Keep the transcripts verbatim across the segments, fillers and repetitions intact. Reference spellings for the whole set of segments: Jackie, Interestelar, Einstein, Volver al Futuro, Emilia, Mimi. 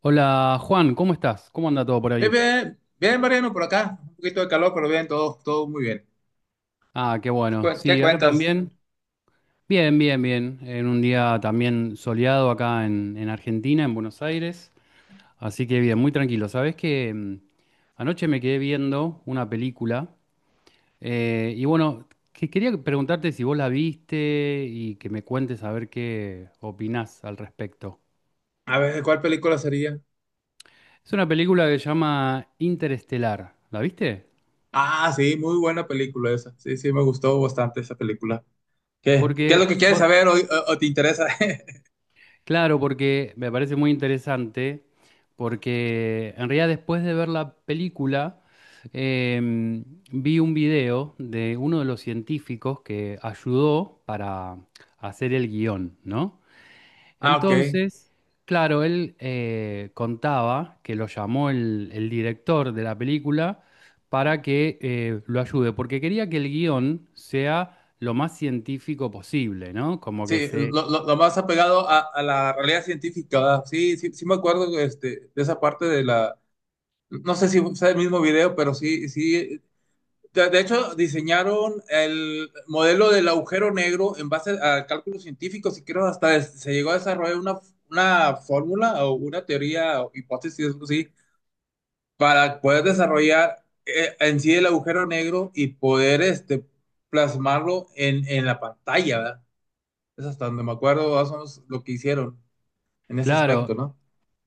Hola Juan, ¿cómo estás? ¿Cómo anda todo por Bien, ahí? bien, bien, Mariano, por acá. Un poquito de calor, pero bien, todo, todo muy bien. Ah, qué ¿Qué, bueno. cuen- qué Sí, acá cuentas? también. Bien, bien, bien. En un día también soleado acá en, en Argentina, en Buenos Aires. Así que bien, muy tranquilo. Sabés que mm, anoche me quedé viendo una película eh, y bueno, que quería preguntarte si vos la viste y que me cuentes a ver qué opinás al respecto. A ver, ¿cuál película sería? Es una película que se llama Interestelar. ¿La viste? Ah, sí, muy buena película esa. Sí, sí, me gustó bastante esa película. ¿Qué, qué es lo Porque que quieres vos, saber o, o- o te interesa? Claro, porque me parece muy interesante, porque en realidad después de ver la película, em, vi un video de uno de los científicos que ayudó para hacer el guión, ¿no? Ah, ok. Entonces, claro, él eh, contaba que lo llamó el, el director de la película para que eh, lo ayude, porque quería que el guión sea lo más científico posible, ¿no? Como que Sí, se... lo, lo- lo más apegado a, a la realidad científica, ¿verdad? Sí, sí, sí me acuerdo este, de esa parte de la... No sé si fue el mismo video, pero sí, sí. De, de hecho, diseñaron el modelo del agujero negro en base a cálculos científicos y creo hasta se llegó a desarrollar una, una fórmula o una teoría o hipótesis, algo así, para poder desarrollar eh, en sí el agujero negro y poder este, plasmarlo en, en la pantalla, ¿verdad? Es hasta donde me acuerdo, más o menos lo que hicieron en ese Claro, aspecto, ¿no?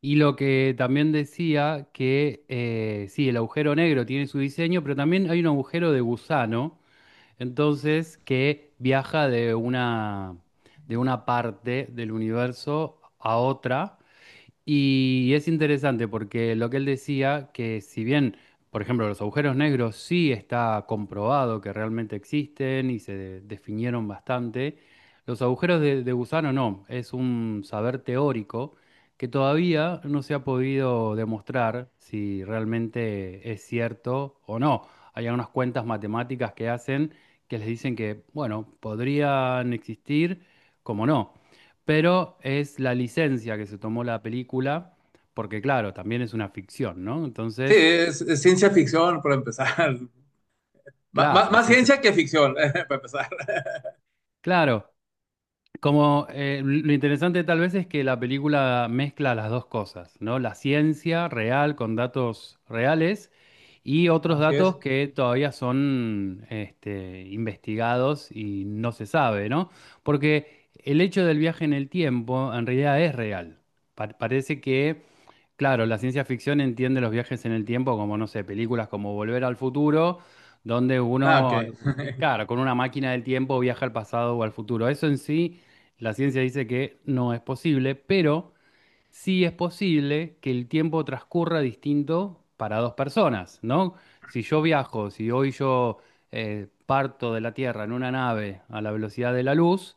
y lo que también decía que eh, sí, el agujero negro tiene su diseño, pero también hay un agujero de gusano, entonces que viaja de una, de una parte del universo a otra y es interesante porque lo que él decía, que si bien, por ejemplo, los agujeros negros sí está comprobado que realmente existen y se de- definieron bastante, los agujeros de, de gusano no, es un saber teórico que todavía no se ha podido demostrar si realmente es cierto o no. Hay algunas cuentas matemáticas que hacen que les dicen que, bueno, podrían existir, como no, pero es la licencia que se tomó la película, porque claro, también es una ficción, ¿no? Sí, Entonces, es, es ciencia ficción, para empezar. Má- má- claro, es Más ciencia ciencia que ficción. ficción, para empezar. Claro, como eh, lo interesante tal vez es que la película mezcla las dos cosas, ¿no? La ciencia real con datos reales y otros Así es. datos que todavía son este, investigados y no se sabe, ¿no? Porque el hecho del viaje en el tiempo en realidad es real. Pa- parece que claro, la ciencia ficción entiende los viajes en el tiempo como, no sé, películas como Volver al Futuro, donde Ah, ok. uno, claro, con una máquina del tiempo viaja al pasado o al futuro. Eso en sí, la ciencia dice que no es posible, pero sí es posible que el tiempo transcurra distinto para dos personas, ¿no? Si yo viajo, si hoy yo eh, parto de la Tierra en una nave a la velocidad de la luz,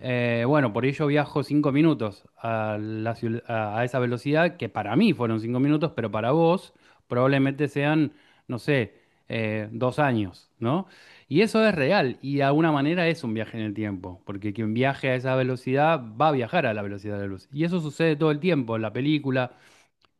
eh, bueno, por ello viajo cinco minutos a, la ciu- a a esa velocidad, que para mí fueron cinco minutos, pero para vos probablemente sean, no sé, eh, dos años, ¿no? Y eso es real, y de alguna manera es un viaje en el tiempo, porque quien viaje a esa velocidad va a viajar a la velocidad de la luz. Y eso sucede todo el tiempo en la película,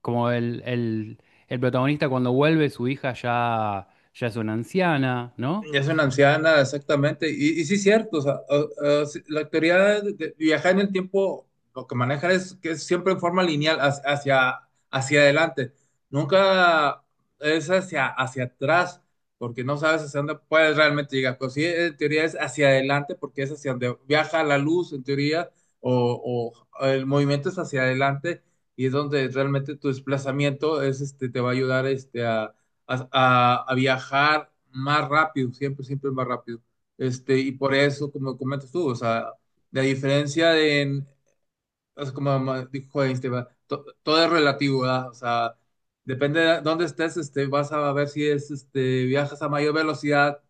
como el, el- el protagonista cuando vuelve, su hija ya, ya es una anciana, ¿no? Ya es una anciana, exactamente. Y, y sí, cierto. O sea, o- o sí, la teoría de, de viajar en el tiempo, lo que maneja es que es siempre en forma lineal hacia, hacia, hacia adelante. Nunca es hacia, hacia atrás, porque no sabes hacia dónde puedes realmente llegar. Pero sí, en teoría es hacia adelante, porque es hacia donde viaja la luz, en teoría, o, o el movimiento es hacia adelante, y es donde realmente tu desplazamiento es, este, te va a ayudar este, a a, a- a viajar más rápido, siempre, siempre más rápido. Este, y por eso, como comentas tú, o sea, la diferencia de, en- es como ma- dijo Einstein, ¿verdad? To- todo es relativo, ¿verdad? O sea, depende de dónde estés, este, vas a ver si es, este, viajas a mayor velocidad.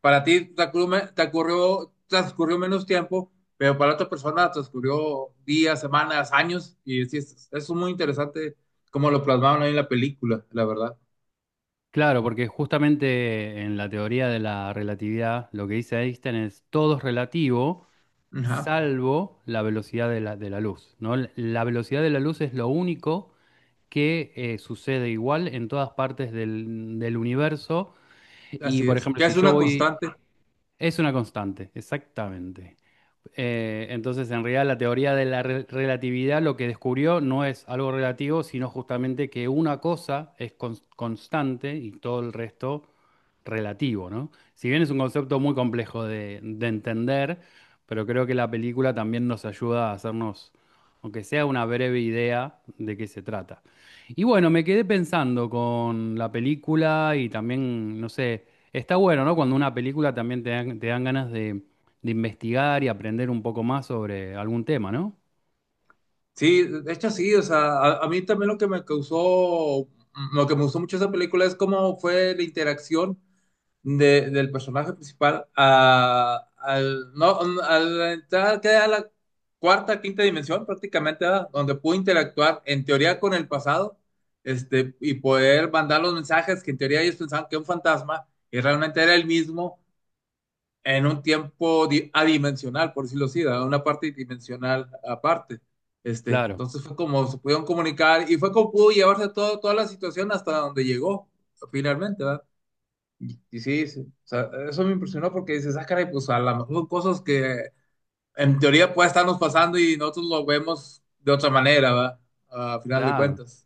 Para ti te ocurrió, me- te ocurrió- transcurrió menos tiempo, pero para otra persona transcurrió días, semanas, años, y sí, es, es muy interesante como lo plasmaron ahí en la película, la verdad. Claro, porque justamente en la teoría de la relatividad lo que dice Einstein es todo es relativo Ajá. salvo la velocidad de la, de la luz, ¿no? L- La velocidad de la luz es lo único que eh, sucede igual en todas partes del, del universo y, Así por es, ejemplo, que si es yo una voy... constante. Es una constante, exactamente. Eh, entonces, en realidad, la teoría de la re- relatividad lo que descubrió no es algo relativo, sino justamente que una cosa es cons- constante y todo el resto relativo, ¿no? Si bien es un concepto muy complejo de, de entender, pero creo que la película también nos ayuda a hacernos, aunque sea una breve idea de qué se trata. Y bueno, me quedé pensando con la película y también, no sé, está bueno, ¿no? Cuando una película también te dan, te dan ganas de investigar y aprender un poco más sobre algún tema, ¿no? Sí, de hecho sí, o sea, a, a mí también lo que me causó, mm, lo que me gustó mucho de esa película es cómo fue la interacción de- del personaje principal a, al, no, al entrar que a la cuarta, quinta dimensión prácticamente, ¿verdad? Donde pudo interactuar en teoría con el pasado, este, y poder mandar los mensajes que en teoría ellos pensaban que era un fantasma y realmente era el mismo en un tiempo di- adimensional, por decirlo así, ¿verdad? Una parte dimensional aparte. Este, Claro, entonces fue como se pudieron comunicar y fue como pudo llevarse todo, toda la situación hasta donde llegó finalmente, ¿verdad? Y, y sí, sí, o sea, eso me impresionó porque dices, ah, caray, pues a lo mejor son cosas que en teoría puede estarnos pasando y nosotros lo vemos de otra manera, ¿verdad? A final de claro. cuentas.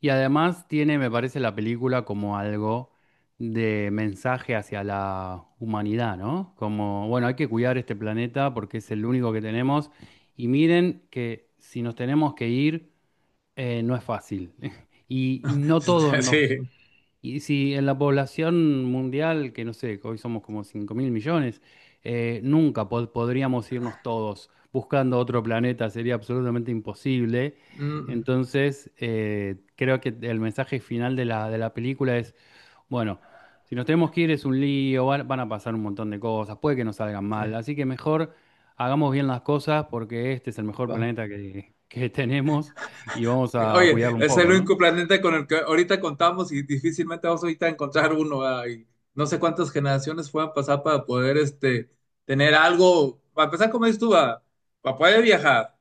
Y además tiene, me parece, la película como algo de mensaje hacia la humanidad, ¿no? Como, bueno, hay que cuidar este planeta porque es el único que tenemos. Y miren que si nos tenemos que ir, eh, no es fácil. Y, y no todos nos, Sí. Y si en la población mundial, que no sé, que hoy somos como cinco mil millones, eh, nunca po- podríamos irnos todos buscando otro planeta, sería absolutamente imposible. Mm, Entonces, eh, creo que el mensaje final de la, de la película es, bueno, si nos tenemos que ir es un lío, van, van a pasar un montón de cosas, puede que nos salgan sí. mal, así que mejor hagamos bien las cosas porque este es el mejor planeta que, que tenemos y vamos a Oye, cuidarlo un es el poco, ¿no? único planeta con el que ahorita contamos y difícilmente vamos ahorita a encontrar uno, ¿verdad? Y no sé cuántas generaciones puedan pasar para poder este, tener algo, para empezar, como dices tú, ¿verdad? Para poder viajar.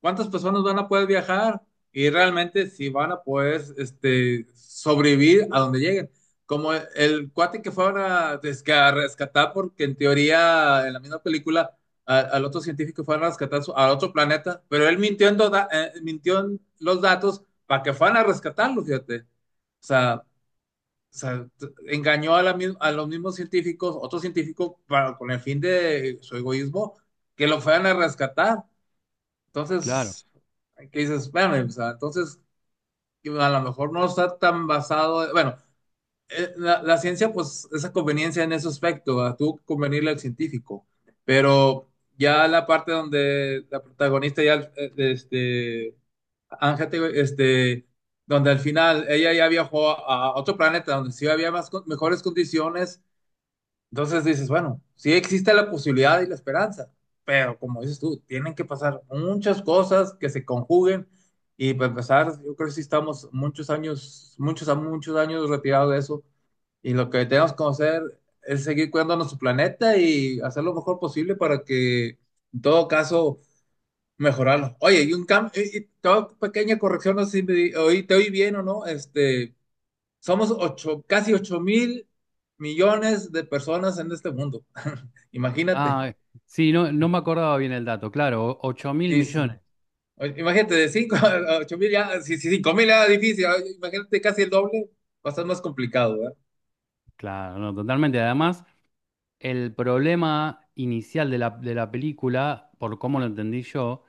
¿Cuántas personas van a poder viajar? Y realmente si van a poder este, sobrevivir a donde lleguen. Como el, el cuate que fueron a, desca- rescatar, porque en teoría, en la misma película, a- al otro científico y fueron a rescatar su- a otro planeta, pero él mintió en, do- eh, mintió en los datos para que fueran a rescatarlo, fíjate. O sea, o sea, engañó a, la mis- a los mismos científicos, otros científicos, para, con el fin de su egoísmo, que lo fueran a rescatar. Claro. Entonces, ¿qué dices? Bueno, o sea, entonces que a lo mejor no está tan basado, bueno, eh, la, la ciencia, pues, esa conveniencia en ese aspecto, a tú convenirle al científico, pero ya la parte donde la protagonista ya, eh, este, Ángel, te- este, donde al final ella ya viajó a otro planeta donde sí había más, con- mejores condiciones, entonces dices, bueno, sí existe la posibilidad y la esperanza, pero como dices tú, tienen que pasar muchas cosas que se conjuguen y para empezar, yo creo que sí estamos muchos años, muchos a muchos años retirados de eso y lo que tenemos que hacer es seguir cuidando nuestro planeta y hacer lo mejor posible para que, en todo caso, mejorarlo. Oye, y un cambio, toda pequeña corrección, no sé si me di- oí- te oí bien o no, este, somos ocho, casi ocho mil millones de personas en este mundo. Imagínate. Ah, eh, sí, no, no me acordaba bien el dato, claro, ocho mil Sí, es- millones, o- imagínate, de cinco a ocho mil ya, si si cinco mil era difícil, ah, imagínate casi el doble, va a estar más complicado. claro, no, totalmente. Además, el problema inicial de la, de la película, por cómo lo entendí yo,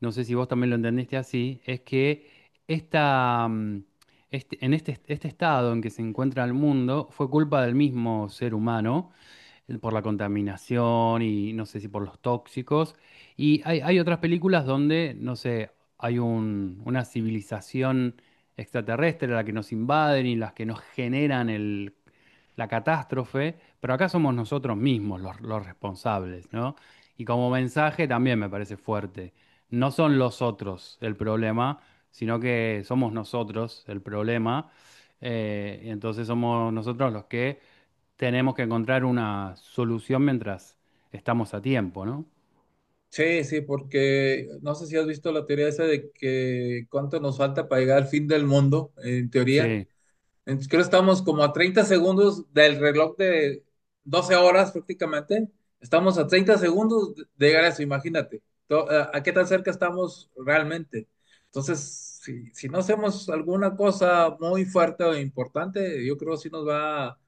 no sé si vos también lo entendiste así, es que esta, mm, este- en este, este estado en que se encuentra el mundo fue culpa del mismo ser humano por la contaminación y no sé si por los tóxicos. Y hay, hay otras películas donde, no sé, hay un- una civilización extraterrestre la que nos invaden y las que nos generan el- la catástrofe, pero acá somos nosotros mismos los, los responsables, ¿no? Y como mensaje también me parece fuerte. No son los otros el problema, sino que somos nosotros el problema. Eh, entonces somos nosotros los que tenemos que encontrar una solución mientras estamos a tiempo, ¿no? Sí, sí, porque no sé si has visto la teoría esa de que cuánto nos falta para llegar al fin del mundo, en teoría. Sí, Entonces, creo que estamos como a treinta segundos del reloj de doce horas prácticamente. Estamos a treinta segundos de de llegar a eso, imagínate. To- ¿A a qué tan cerca estamos realmente? Entonces, si, si no hacemos alguna cosa muy fuerte o importante, yo creo que sí nos va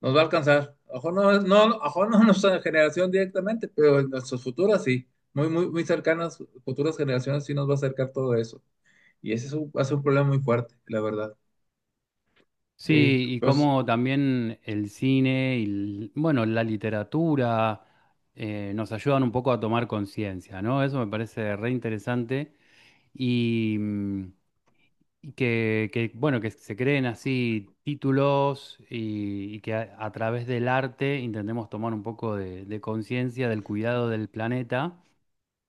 nos va a alcanzar. Ojo no, no, ojo no nuestra generación directamente, pero en nuestras futuras sí. Muy, muy, muy cercanas, futuras generaciones sí nos va a acercar todo eso. Y ese es un, va a ser un problema muy fuerte, la verdad. Sí, sí, y pues, como también el cine y, l- bueno, la literatura eh, nos ayudan un poco a tomar conciencia, ¿no? Eso me parece re interesante y, mm, y que, que, bueno, que se creen así títulos y, y que a, a través del arte intentemos tomar un poco de de conciencia del cuidado del planeta.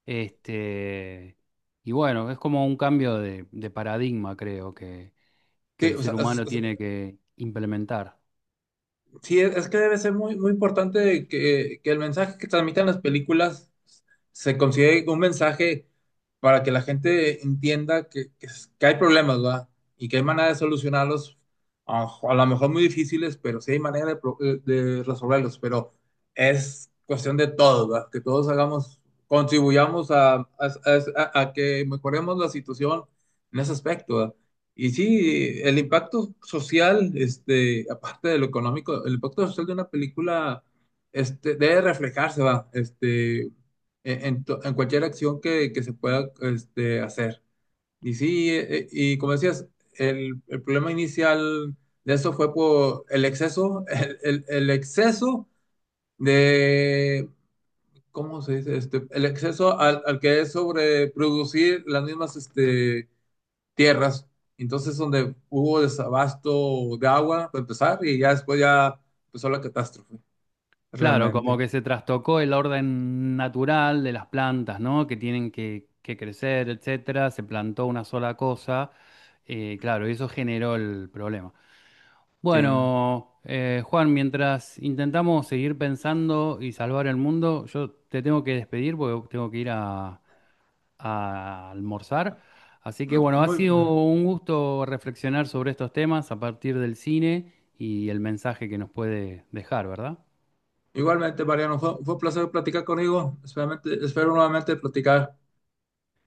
Este, y bueno, es como un cambio de, de paradigma, creo, que, que sí, el o ser sea, es- humano tiene que implementar. sí, es es que debe ser muy, muy importante que, que el mensaje que transmitan las películas se considere un mensaje para que la gente entienda que, que s- que hay problemas, ¿verdad? Y que hay manera de solucionarlos, a, a lo mejor muy difíciles, pero sí hay manera de, pro- eh, de resolverlos. Pero es cuestión de todos, ¿verdad? Que todos hagamos, contribuyamos a, a- a- a- a que mejoremos la situación en ese aspecto, ¿verdad? Y sí, el impacto social, este, aparte de lo económico, el impacto social de una película, este, debe reflejarse, va, este, en, en to- en cualquier acción que, que se pueda, este, hacer. Y sí, eh, eh, y como decías, el, el problema inicial de eso fue por el exceso, el, el- el exceso de, ¿cómo se dice? Este, el exceso al, al que es sobreproducir las mismas, este, tierras. Entonces, donde hubo desabasto de agua, para empezar, y ya después ya empezó la catástrofe, Claro, como realmente. que se trastocó el orden natural de las plantas, ¿no? Que tienen que, que crecer, etcétera. Se plantó una sola cosa. Eh, claro, y eso generó el problema. Sí. M- Bueno, eh, Juan, mientras intentamos seguir pensando y salvar el mundo, yo te tengo que despedir porque tengo que ir a a almorzar. Así que bueno, ha Muy, sido un gusto reflexionar sobre estos temas a partir del cine y el mensaje que nos puede dejar, ¿verdad? igualmente, Mariano, fue, fue un placer platicar conmigo. Espero, espero nuevamente platicar.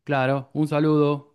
Claro, un saludo.